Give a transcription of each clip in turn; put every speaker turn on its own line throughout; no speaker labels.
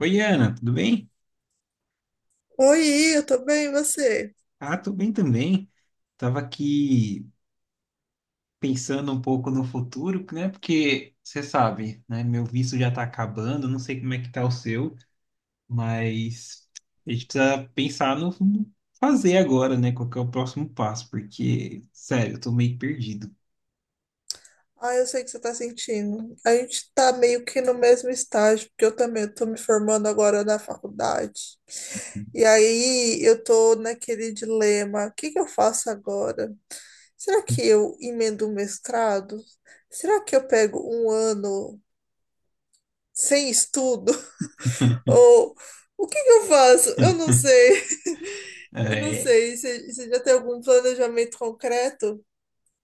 Oi, Ana, tudo bem?
Oi, eu tô bem, e você?
Ah, tô bem também. Tava aqui pensando um pouco no futuro, né? Porque você sabe, né? Meu visto já tá acabando, não sei como é que tá o seu, mas a gente precisa pensar no fazer agora, né? Qual que é o próximo passo? Porque, sério, eu tô meio perdido.
Ah, eu sei o que você tá sentindo. A gente tá meio que no mesmo estágio, porque eu também tô me formando agora na faculdade. E aí eu tô naquele dilema, o que que eu faço agora? Será que eu emendo um mestrado? Será que eu pego um ano sem estudo? Ou o que que eu faço? Eu não sei. Eu não
É,
sei. Você já tem algum planejamento concreto?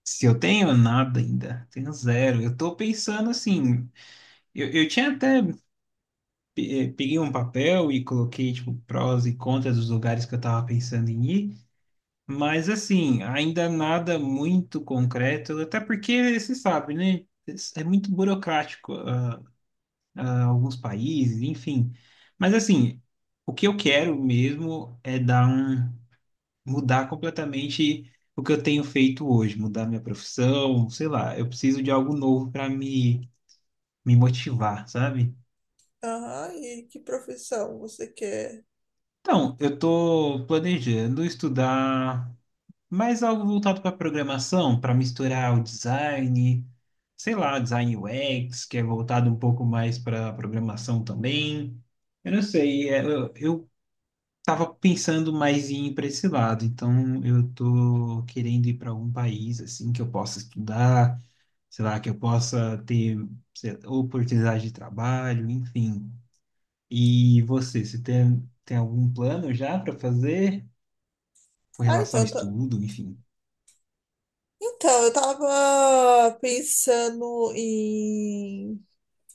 se eu tenho nada ainda, tenho zero. Eu tô pensando assim, eu tinha até peguei um papel e coloquei, tipo, prós e contras dos lugares que eu tava pensando em ir, mas, assim, ainda nada muito concreto, até porque, você sabe, né? É muito burocrático, alguns países, enfim. Mas, assim, o que eu quero mesmo é mudar completamente o que eu tenho feito hoje, mudar minha profissão, sei lá, eu preciso de algo novo para me motivar, sabe?
Aham, e que profissão você quer?
Então, eu estou planejando estudar mais algo voltado para programação, para misturar o design, sei lá, design UX, que é voltado um pouco mais para programação também. Eu não sei, eu tava pensando mais em ir para esse lado, então eu tô querendo ir para algum país assim que eu possa estudar, sei lá, que eu possa ter sei lá, oportunidade de trabalho, enfim. E você tem algum plano já para fazer com
Ah,
relação ao
então,
estudo, enfim?
então eu tava pensando em,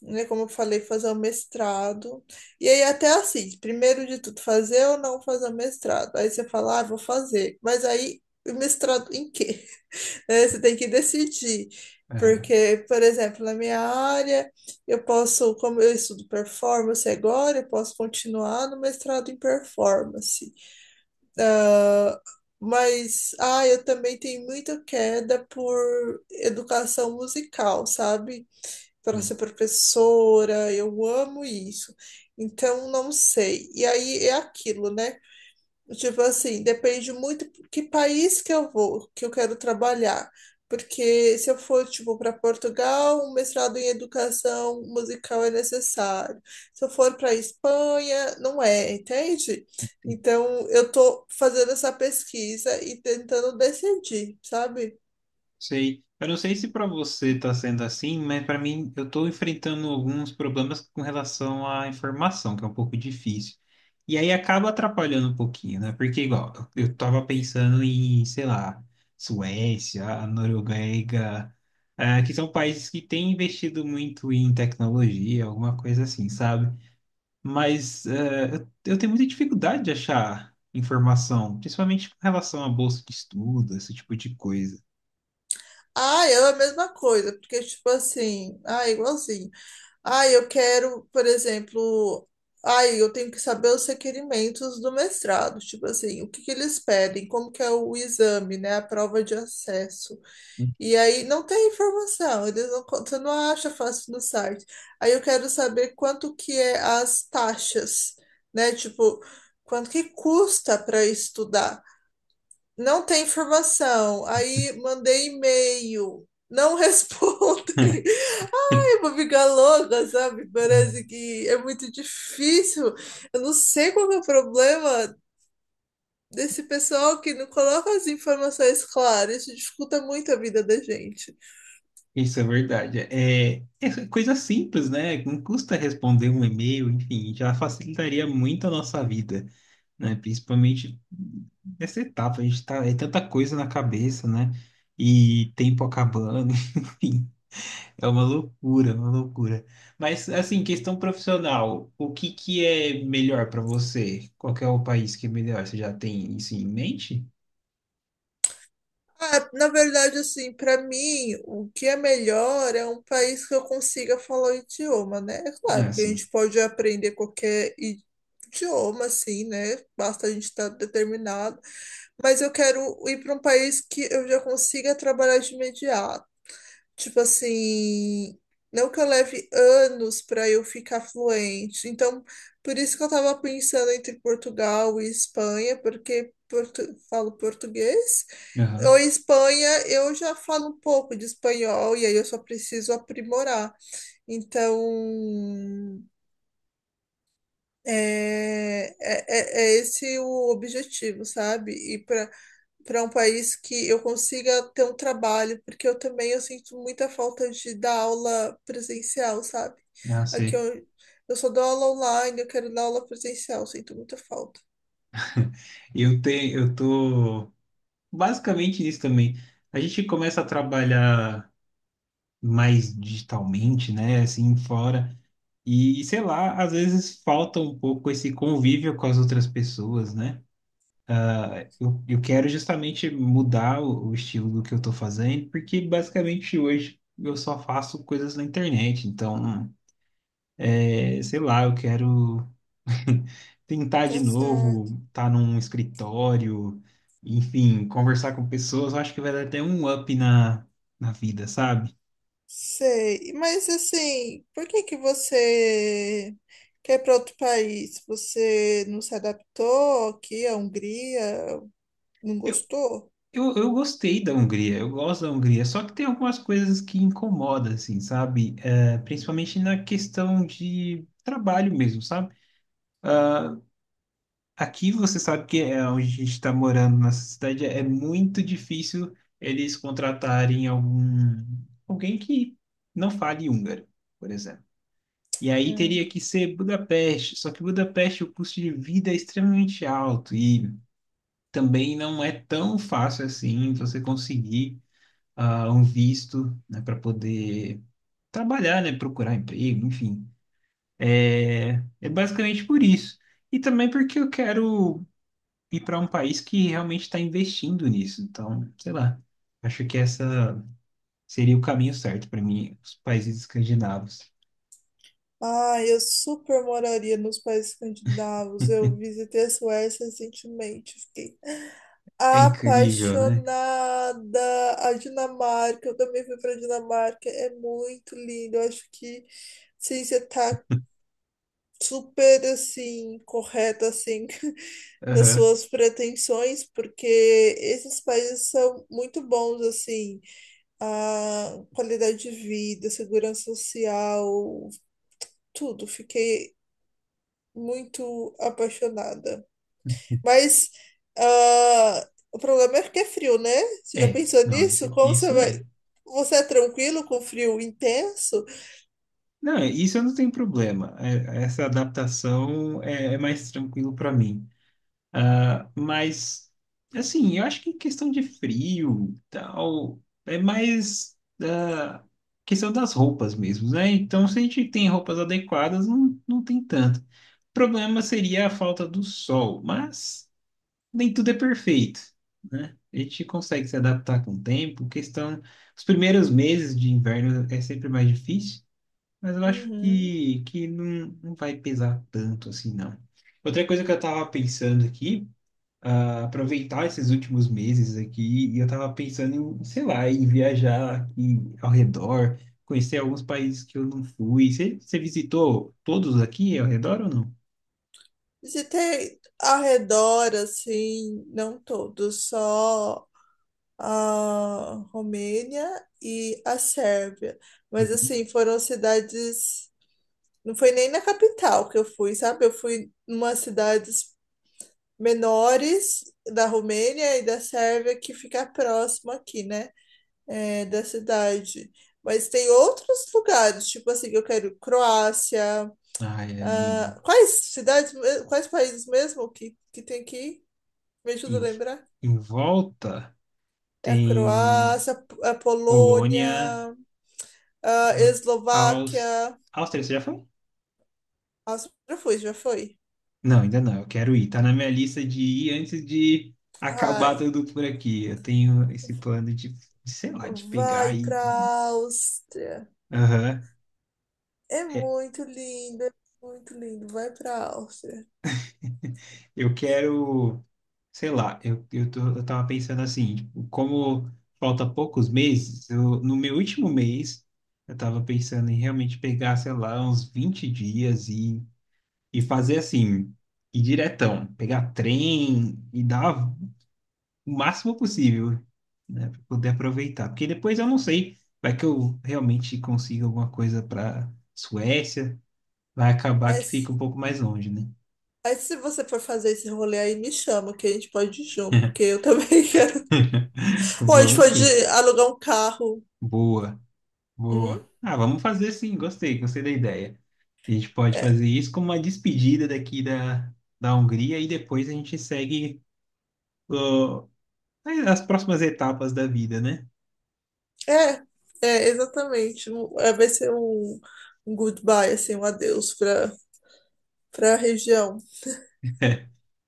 né, como eu falei, fazer um mestrado. E aí até assim, primeiro de tudo, fazer ou não fazer o mestrado. Aí você fala, ah, vou fazer. Mas aí, o mestrado em quê? Né, você tem que decidir.
Aham.
Porque, por exemplo, na minha área, eu posso, como eu estudo performance agora, eu posso continuar no mestrado em performance. Ah, mas, ah, eu também tenho muita queda por educação musical, sabe? Para ser professora, eu amo isso. Então, não sei. E aí é aquilo, né? Tipo assim, depende muito que país que eu vou, que eu quero trabalhar. Porque se eu for, tipo, para Portugal, um mestrado em educação musical é necessário. Se eu for para Espanha, não é, entende? Então, eu tô fazendo essa pesquisa e tentando decidir, sabe?
Sei. Eu não sei se para você está sendo assim, mas para mim eu estou enfrentando alguns problemas com relação à informação, que é um pouco difícil. E aí acaba atrapalhando um pouquinho, né? Porque igual, eu estava pensando em, sei lá, Suécia, a Noruega, que são países que têm investido muito em tecnologia, alguma coisa assim, sabe? Mas eu tenho muita dificuldade de achar informação, principalmente com relação à bolsa de estudo, esse tipo de coisa.
Ah, eu a mesma coisa, porque, tipo assim, ah, igualzinho. Ai, eu quero, por exemplo, ai, eu tenho que saber os requerimentos do mestrado, tipo assim, o que que eles pedem, como que é o exame, né, a prova de acesso. E aí não tem informação, eles você não acha fácil no site. Aí eu quero saber quanto que é as taxas, né, tipo, quanto que custa para estudar. Não tem informação. Aí mandei e-mail, não respondem. Vou ficar louca, sabe?
Ah,
Parece que é muito difícil. Eu não sei qual que é o problema desse pessoal que não coloca as informações claras. Isso dificulta muito a vida da gente.
isso é verdade. É coisa simples, né? Não custa responder um e-mail, enfim, já facilitaria muito a nossa vida, né? Principalmente nessa etapa, a gente tá, é tanta coisa na cabeça, né? E tempo acabando, enfim, é uma loucura, uma loucura. Mas, assim, questão profissional, o que que é melhor para você? Qual que é o país que é melhor? Você já tem isso em mente?
Ah, na verdade, assim, para mim, o que é melhor é um país que eu consiga falar o idioma, né? É
É
claro que a
assim.
gente pode aprender idioma, assim, né? Basta a gente estar determinado. Mas eu quero ir para um país que eu já consiga trabalhar de imediato. Tipo assim, não que eu leve anos para eu ficar fluente. Então, por isso que eu tava pensando entre Portugal e Espanha, porque falo português. Ou
Aham.
Espanha, eu já falo um pouco de espanhol e aí eu só preciso aprimorar. Então, é esse o objetivo, sabe? E para um país que eu consiga ter um trabalho, porque eu também eu sinto muita falta de dar aula presencial, sabe?
Ah,
Aqui
sei.
eu, eu só dou aula online, eu quero dar aula presencial, sinto muita falta.
Eu tô basicamente isso também. A gente começa a trabalhar mais digitalmente, né? Assim, fora. E, sei lá, às vezes falta um pouco esse convívio com as outras pessoas, né? Eu quero justamente mudar o estilo do que eu tô fazendo, porque basicamente hoje eu só faço coisas na internet. Então, sei lá, eu quero tentar de
Tá certo.
novo, estar num escritório, enfim, conversar com pessoas. Eu acho que vai dar até um up na vida, sabe?
Sei, mas assim, por que que você quer ir para outro país? Você não se adaptou aqui à Hungria? Não
Eu,
gostou?
eu gostei da Hungria, eu gosto da Hungria, só que tem algumas coisas que incomodam, assim, sabe? É, principalmente na questão de trabalho mesmo, sabe? Aqui você sabe que é onde a gente está morando, nessa cidade, é muito difícil eles contratarem algum alguém que não fale húngaro, por exemplo. E aí teria que ser Budapeste, só que Budapeste o custo de vida é extremamente alto e também não é tão fácil assim você conseguir um visto, né, para poder trabalhar, né, procurar emprego, enfim. É basicamente por isso. E também porque eu quero e para um país que realmente está investindo nisso. Então, sei lá, acho que essa seria o caminho certo para mim, os países escandinavos.
Ah, eu super moraria nos países escandinavos. Eu visitei a Suécia recentemente, fiquei
É incrível, né?
apaixonada. A Dinamarca, eu também fui pra Dinamarca, é muito lindo. Eu acho que sim, você tá super assim, correta assim nas
Aham.
suas pretensões, porque esses países são muito bons assim, a qualidade de vida, segurança social, tudo. Fiquei muito apaixonada. Mas ah, o problema é que é frio, né? Você já
É,
pensou
não,
nisso?
isso,
Como você
isso
vai.
é.
Você é tranquilo com frio intenso?
Não, isso eu não tenho problema. Essa adaptação é mais tranquilo para mim. Ah, mas, assim, eu acho que questão de frio, tal, é mais questão das roupas mesmo, né? Então, se a gente tem roupas adequadas, não tem tanto. Problema seria a falta do sol, mas nem tudo é perfeito, né? A gente consegue se adaptar com o tempo. Questão, os primeiros meses de inverno é sempre mais difícil, mas eu acho
Uhum.
que não vai pesar tanto assim, não. Outra coisa que eu estava pensando aqui, aproveitar esses últimos meses aqui, e eu estava pensando em, sei lá, em viajar aqui ao redor, conhecer alguns países que eu não fui. Você visitou todos aqui ao redor ou não?
Você tem arredor, assim, não todo, só a Romênia e a Sérvia. Mas, assim, foram cidades. Não foi nem na capital que eu fui, sabe? Eu fui numa cidade menores da Romênia e da Sérvia que fica próximo aqui, né? É, da cidade. Mas tem outros lugares, tipo assim, eu quero Croácia.
Ai, é lindo.
Ah, quais quais países mesmo que tem aqui? Me ajuda a
Em,
lembrar.
em volta
É a
tem
Croácia, a Polônia,
Polônia,
a
ah, Aus-
Eslováquia.
Áustria, você já foi?
Nossa, já foi.
Não, ainda não. Eu quero ir. Tá na minha lista de ir antes de acabar
Ai,
tudo por aqui. Eu tenho esse plano de, sei lá, de pegar
vai
e
pra Áustria.
Aham.
É
É,
muito lindo, é muito lindo. Vai pra Áustria.
eu quero, sei lá, eu tava pensando assim, tipo, como falta poucos meses, eu, no meu último mês, eu tava pensando em realmente pegar, sei lá, uns 20 dias e fazer assim, ir diretão, pegar trem e dar o máximo possível, né, para poder aproveitar. Porque depois eu não sei, vai que eu realmente consiga alguma coisa para Suécia, vai acabar
Aí,
que
se
fica um pouco mais longe, né?
aí se você for fazer esse rolê aí, me chama, que a gente pode ir junto, porque eu também quero. Ou a gente
Vamos
pode
sim.
alugar um carro.
Boa,
Hum?
boa. Ah, vamos fazer sim, gostei, gostei da ideia. A gente pode
É,
fazer isso como uma despedida daqui da Hungria e depois a gente segue ó, as próximas etapas da vida, né?
é, exatamente. Vai ser um, um goodbye, assim, um adeus para a região.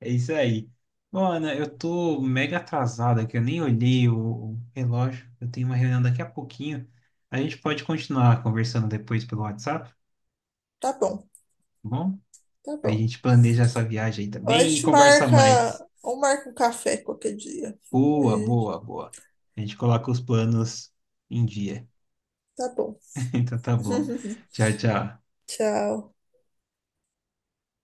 É isso aí. Bom, Ana, eu tô mega atrasado aqui, eu nem olhei o relógio. Eu tenho uma reunião daqui a pouquinho. A gente pode continuar conversando depois pelo WhatsApp, tá
Tá bom,
bom?
tá
Aí a
bom.
gente planeja essa viagem aí
Ou a
também e
gente
conversa mais.
marca, ou marca um café qualquer dia.
Boa,
Aí,
boa, boa. A gente coloca os planos em dia.
tá bom.
Então tá bom. Tchau, tchau.
Tchau.